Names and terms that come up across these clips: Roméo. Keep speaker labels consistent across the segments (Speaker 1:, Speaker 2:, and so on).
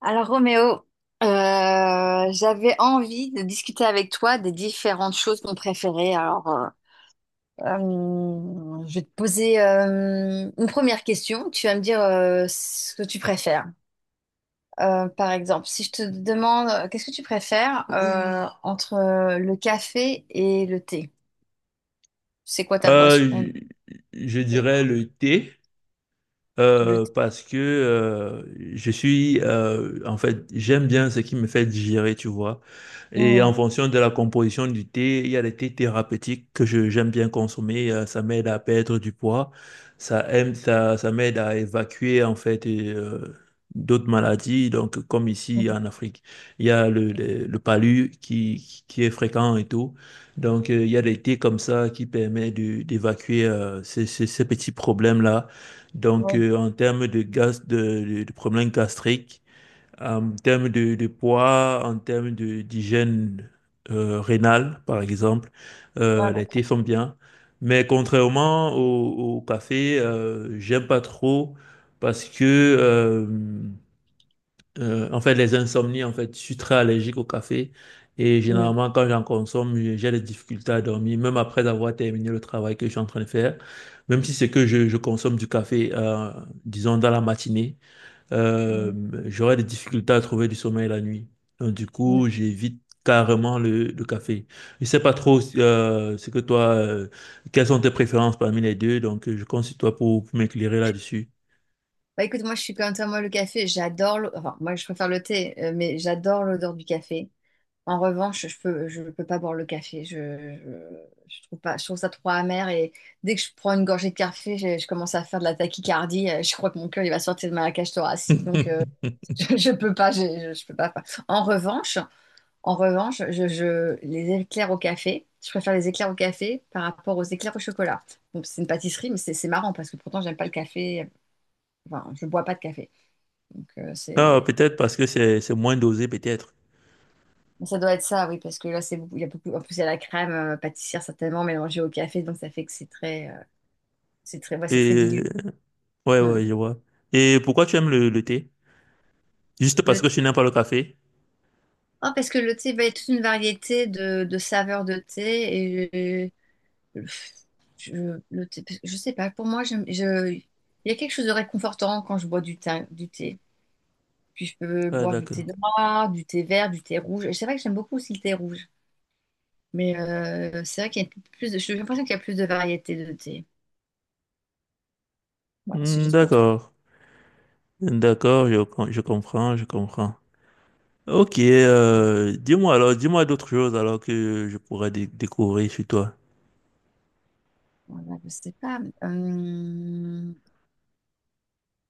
Speaker 1: Alors Roméo, j'avais envie de discuter avec toi des différentes choses qu'on préférait. Alors, je vais te poser une première question. Tu vas me dire ce que tu préfères. Par exemple, si je te demande qu'est-ce que tu préfères entre le café et le thé? C'est quoi ta boisson?
Speaker 2: Euh, je dirais le thé.
Speaker 1: Le
Speaker 2: Euh,
Speaker 1: thé.
Speaker 2: parce que euh, je suis, en fait, j'aime bien ce qui me fait digérer, tu vois. Et en
Speaker 1: Mm,
Speaker 2: fonction de la composition du thé, il y a des thés thérapeutiques que j'aime bien consommer. Ça m'aide à perdre du poids, ça aime, ça m'aide à évacuer, en fait, et d'autres maladies. Donc, comme ici
Speaker 1: mm,
Speaker 2: en Afrique, il y a le palu qui est fréquent et tout. Donc, il y a des thés comme ça qui permettent d'évacuer ces petits problèmes-là. Donc,
Speaker 1: oui,
Speaker 2: en termes de gaz, de problèmes gastriques, en termes de poids, en termes d'hygiène rénale, par exemple,
Speaker 1: ah,
Speaker 2: les
Speaker 1: d'accord.
Speaker 2: thés sont bien. Mais contrairement au café, j'aime pas trop parce que euh, en fait, les insomnies, en fait, je suis très allergique au café et
Speaker 1: Mm,
Speaker 2: généralement, quand j'en consomme, j'ai des difficultés à dormir, même après avoir terminé le travail que je suis en train de faire. Même si c'est que je consomme du café, disons, dans la matinée, euh,
Speaker 1: mm,
Speaker 2: j'aurai des difficultés à trouver du sommeil la nuit. Donc, du coup,
Speaker 1: mm.
Speaker 2: j'évite carrément le café. Je sais pas trop ce que toi, quelles sont tes préférences parmi les deux, donc je compte sur toi pour m'éclairer là-dessus.
Speaker 1: Bah écoute, moi je suis comme toi, moi le café, j'adore, enfin moi je préfère le thé, mais j'adore l'odeur du café. En revanche, je peux pas boire le café, je trouve pas, je trouve ça trop amer et dès que je prends une gorgée de café, je commence à faire de la tachycardie, je crois que mon cœur il va sortir de ma cage thoracique, donc je peux pas, je peux pas. En revanche, en revanche, les éclairs au café, je préfère les éclairs au café par rapport aux éclairs au chocolat. Donc c'est une pâtisserie, mais c'est marrant parce que pourtant j'aime pas le café, enfin je bois pas de café. Donc,
Speaker 2: Ah,
Speaker 1: c'est...
Speaker 2: peut-être parce que c'est moins dosé, peut-être.
Speaker 1: Ça doit être ça, oui, parce que là, c'est beaucoup... il y a beaucoup... En plus, il y a la crème pâtissière certainement mélangée au café, donc ça fait que c'est très... ouais, c'est très
Speaker 2: Et
Speaker 1: dilué.
Speaker 2: ouais,
Speaker 1: Hmm.
Speaker 2: ouais, je vois. Et pourquoi tu aimes le thé? Juste
Speaker 1: Le
Speaker 2: parce que tu
Speaker 1: thé-
Speaker 2: n'aimes pas le café?
Speaker 1: Oh, parce que le thé, bah, il y a toute une variété de saveurs de thé. Et euh, je... Le thé... je sais pas, pour moi, il y a quelque chose de réconfortant quand je bois du thé. Du thé. Puis je peux
Speaker 2: Ah,
Speaker 1: boire du thé
Speaker 2: d'accord.
Speaker 1: noir, du thé vert, du thé rouge. Et c'est vrai que j'aime beaucoup aussi le thé rouge. Mais c'est vrai qu'il y a plus de... J'ai l'impression qu'il y a plus de variétés de thé. Voilà, c'est
Speaker 2: Hmm,
Speaker 1: juste pour ça.
Speaker 2: d'accord. D'accord, je comprends, je comprends. Ok, dis-moi alors, dis-moi d'autres choses alors que je pourrais découvrir chez toi.
Speaker 1: Voilà, je sais pas. Euh,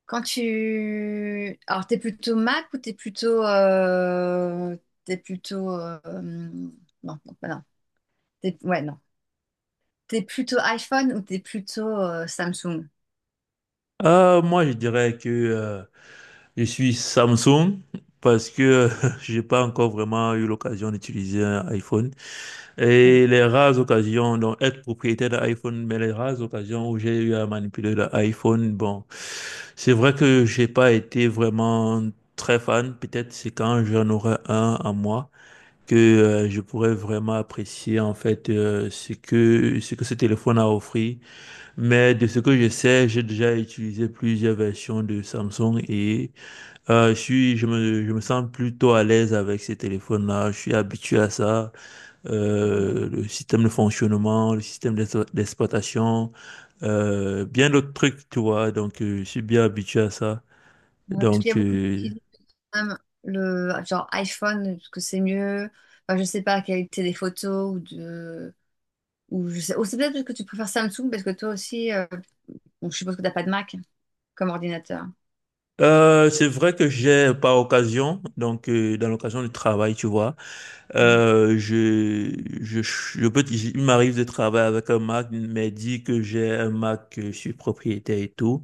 Speaker 1: quand tu... Alors, t'es plutôt Mac ou t'es plutôt... T'es plutôt... Non, non, bah non. T'es- Ouais, non. t'es plutôt iPhone ou t'es plutôt Samsung?
Speaker 2: Ah, moi, je dirais que je suis Samsung parce que j'ai pas encore vraiment eu l'occasion d'utiliser un iPhone. Et les rares occasions, donc être propriétaire d'un iPhone, mais les rares occasions où j'ai eu à manipuler l'iPhone, bon, c'est vrai que j'ai pas été vraiment très fan. Peut-être c'est quand j'en aurai un à moi que je pourrais vraiment apprécier en fait ce que ce téléphone a offert. Mais de ce que je sais, j'ai déjà utilisé plusieurs versions de Samsung et je suis, je me sens plutôt à l'aise avec ces téléphones-là. Je suis habitué à ça
Speaker 1: Ouais,
Speaker 2: le système de fonctionnement, le système d'exploitation, bien d'autres trucs, tu vois. Donc, je suis bien habitué à ça.
Speaker 1: parce qu'il y
Speaker 2: Donc,
Speaker 1: a beaucoup d'utilisateurs quand même le genre iPhone, parce que c'est mieux. Enfin, je sais pas la qualité des photos ou de... Ou je sais... Ou c'est peut-être parce que tu préfères Samsung parce que toi aussi... donc, je suppose que t'as pas de Mac comme ordinateur.
Speaker 2: c'est vrai que j'ai par occasion, donc dans l'occasion du travail, tu vois, je peux, il m'arrive de travailler avec un Mac, mais dit que j'ai un Mac, que je suis propriétaire et tout.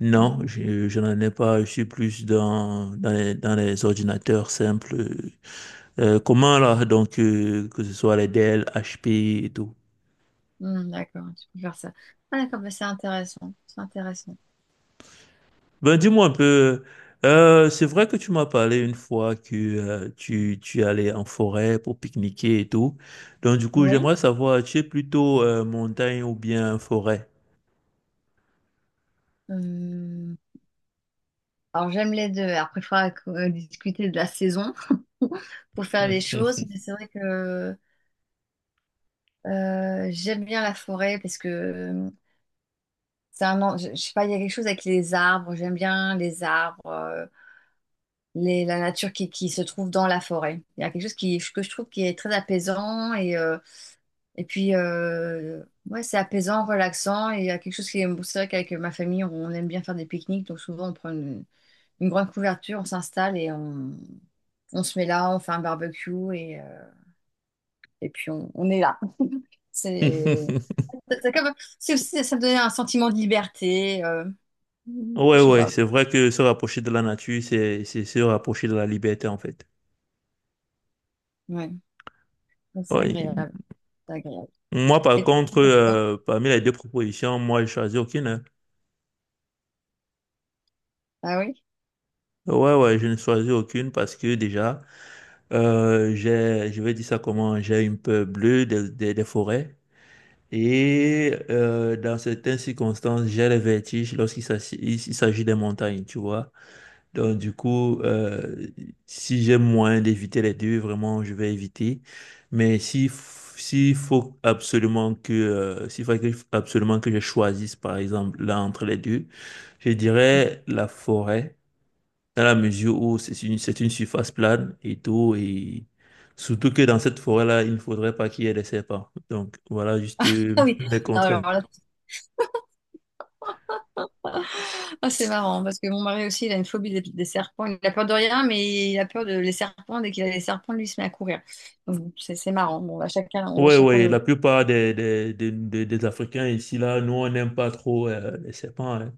Speaker 2: Non,
Speaker 1: Mm.
Speaker 2: je n'en ai pas. Je suis plus dans dans les ordinateurs simples. Comment là, donc, que ce soit les Dell, HP et tout.
Speaker 1: Hmm, d'accord, tu peux faire ça. Ah, d'accord, bah, c'est intéressant. C'est intéressant.
Speaker 2: Ben, dis-moi un peu, c'est vrai que tu m'as parlé une fois que tu allais en forêt pour pique-niquer et tout. Donc, du coup,
Speaker 1: Oui.
Speaker 2: j'aimerais savoir, tu es plutôt montagne ou bien forêt?
Speaker 1: Euh, Alors, j'aime les deux. Après, il faudra discuter de la saison pour faire des choses. Mais c'est vrai que j'aime bien la forêt parce que je sais pas, il y a quelque chose avec les arbres. J'aime bien les arbres, les, la nature qui se trouve dans la forêt. Il y a quelque chose qui, que je trouve qui est très apaisant et ouais, c'est apaisant, relaxant. Et il y a quelque chose qui est... C'est vrai qu'avec ma famille, on aime bien faire des pique-niques. Donc souvent, on prend une grande couverture, on s'installe et on se met là, on fait un barbecue et, et puis on est là. C'est c'est comme... c'est aussi, ça me donnait un sentiment de liberté.
Speaker 2: Ouais,
Speaker 1: Je sais
Speaker 2: ouais,
Speaker 1: pas.
Speaker 2: c'est vrai que se rapprocher de la nature, c'est se rapprocher de la liberté, en fait.
Speaker 1: Ouais, ouais, c'est
Speaker 2: Ouais.
Speaker 1: agréable. C'est agréable.
Speaker 2: Moi, par
Speaker 1: Et toi,
Speaker 2: contre,
Speaker 1: tu fais quoi?
Speaker 2: parmi les deux propositions, moi, je choisis aucune, hein.
Speaker 1: Ah oui?
Speaker 2: Ouais, ouais, je ne choisis aucune parce que déjà, je vais dire ça comment, j'ai une peur bleue des, des forêts. Et dans certaines circonstances, j'ai les vertiges lorsqu'il s'agit des montagnes, tu vois. Donc, du coup, si j'ai moyen d'éviter les deux, vraiment, je vais éviter. Mais si, f- s'il faut absolument que, absolument que je choisisse, par exemple, là entre les deux, je dirais la forêt dans la mesure où c'est c'est une surface plane et tout, et surtout que dans cette forêt-là, il ne faudrait pas qu'il y ait des serpents. Donc voilà juste
Speaker 1: Ah oui.
Speaker 2: mes
Speaker 1: Alors
Speaker 2: contraintes.
Speaker 1: là, ah, c'est marrant, parce que mon mari aussi, il a une phobie des serpents. Il a peur de rien, mais il a peur de les serpents. Dès qu'il a les serpents, lui, il se met à courir. Donc, c'est marrant. Bon, on a
Speaker 2: Ouais,
Speaker 1: chacun
Speaker 2: ouais,
Speaker 1: nos...
Speaker 2: la plupart des Africains ici, là, nous, on n'aime pas trop les serpents, hein,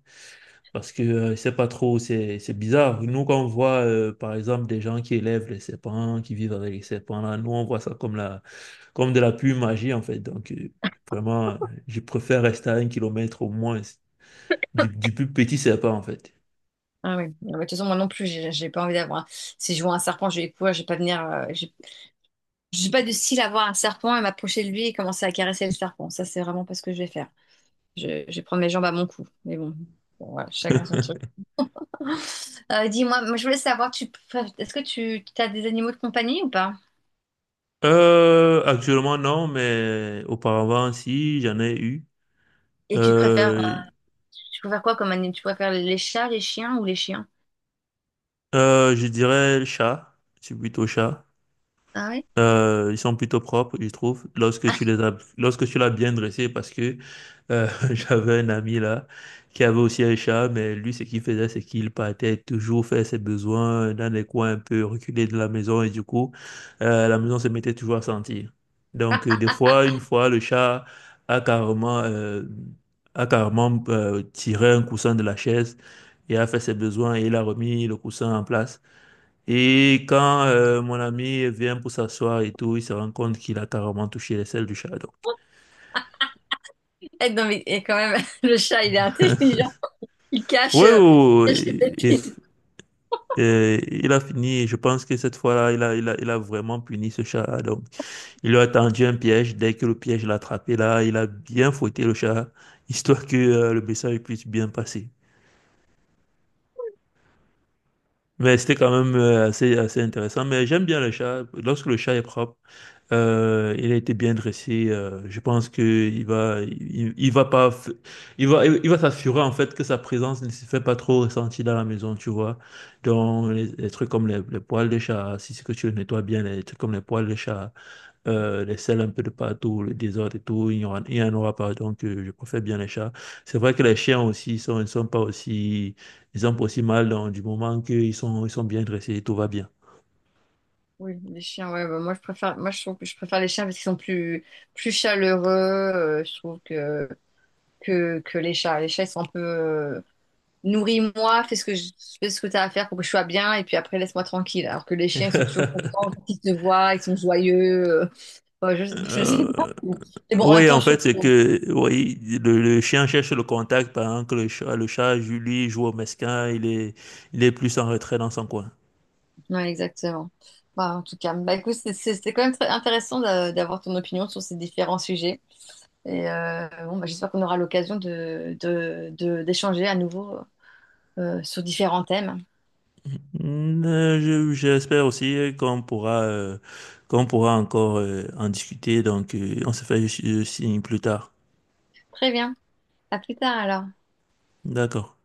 Speaker 2: parce que c'est pas trop, c'est bizarre. Nous, quand on voit, par exemple, des gens qui élèvent les serpents, qui vivent avec les serpents, là, nous, on voit ça comme de la pure magie, en fait. Donc, vraiment, euh, je préfère rester à un kilomètre au moins du plus petit serpent, en fait.
Speaker 1: Ah oui. Ah, bah, de toute façon, moi non plus, j'ai pas envie d'avoir. Si je vois un serpent, je vais courir, je vais pas venir. Je suis pas du style à voir un serpent et m'approcher de lui et commencer à caresser le serpent. Ça, c'est vraiment pas ce que je vais faire. Je prends mes jambes à mon cou. Mais bon, voilà, chacun son truc. Dis-moi, moi, je voulais savoir, est-ce que tu as des animaux de compagnie ou pas?
Speaker 2: Actuellement, non, mais auparavant, si, j'en ai eu.
Speaker 1: Et tu préfères...
Speaker 2: Euh,
Speaker 1: Tu préfères quoi comme animal? Tu préfères les chats, les chiens?
Speaker 2: je dirais le chat. C'est plutôt chat.
Speaker 1: Ah ouais?
Speaker 2: Ils sont plutôt propres, je trouve, lorsque tu les as, lorsque tu l'as bien dressé, parce que euh, j'avais un ami là qui avait aussi un chat, mais lui, ce qu'il faisait, c'est qu'il partait toujours faire ses besoins dans des coins un peu reculés de la maison, et du coup, la maison se mettait toujours à sentir. Donc, une fois, le chat a carrément, tiré un coussin de la chaise et a fait ses besoins et il a remis le coussin en place. Et quand mon ami vient pour s'asseoir et tout, il se rend compte qu'il a carrément touché les selles du chat. Donc,
Speaker 1: Eh, non, mais eh, quand même, le chat, il est intelligent. Il cache,
Speaker 2: oui,
Speaker 1: euh,
Speaker 2: oui,
Speaker 1: il cache les
Speaker 2: oui. Et, et-
Speaker 1: bêtises.
Speaker 2: et il a fini. Et je pense que cette fois-là, il a vraiment puni ce chat. Donc, il lui a tendu un piège. Dès que le piège l'a attrapé, là, il a bien fouetté le chat, histoire que le message puisse bien passer. Mais c'était quand même assez intéressant. Mais j'aime bien le chat. Lorsque le chat est propre, il a été bien dressé, je pense que il va pas, il va s'assurer en fait que sa présence ne se fait pas trop ressentir dans la maison, tu vois. Donc les trucs comme les poils de chat, si c'est que tu le nettoies bien, les trucs comme les poils de chat, les selles un peu de partout, le désordre et tout, il y en aura pas. Donc je préfère bien les chats. C'est vrai que les chiens aussi, ils ne sont pas aussi, ils ont pas aussi mal donc, du moment ils sont bien dressés, tout va bien.
Speaker 1: Oui, les chiens, ouais, bah, moi je trouve que je préfère les chiens parce qu'ils sont plus, plus chaleureux, je trouve que les chats. Les chats, ils sont un peu, nourris-moi, fais ce que t'as à faire pour que je sois bien, et puis après laisse-moi tranquille. Alors que les chiens, ils sont toujours contents, quand ils te voient, ils sont joyeux. euh, bah, je sais pas. Mais bon, en même
Speaker 2: Oui,
Speaker 1: temps,
Speaker 2: en
Speaker 1: je trouve
Speaker 2: fait, c'est
Speaker 1: que...
Speaker 2: que oui, le chien cherche le contact pendant que le chat lui, joue au mesquin, il est plus en retrait dans son coin.
Speaker 1: Ouais, exactement. Bah, en tout cas, bah, écoute, c'était quand même très intéressant d'avoir ton opinion sur ces différents sujets. Et bon, bah, j'espère qu'on aura l'occasion de, de d'échanger à nouveau sur différents thèmes.
Speaker 2: Mm, j'espère aussi qu'on pourra encore en discuter, donc on se fait signe plus tard.
Speaker 1: Très bien. À plus tard alors.
Speaker 2: D'accord.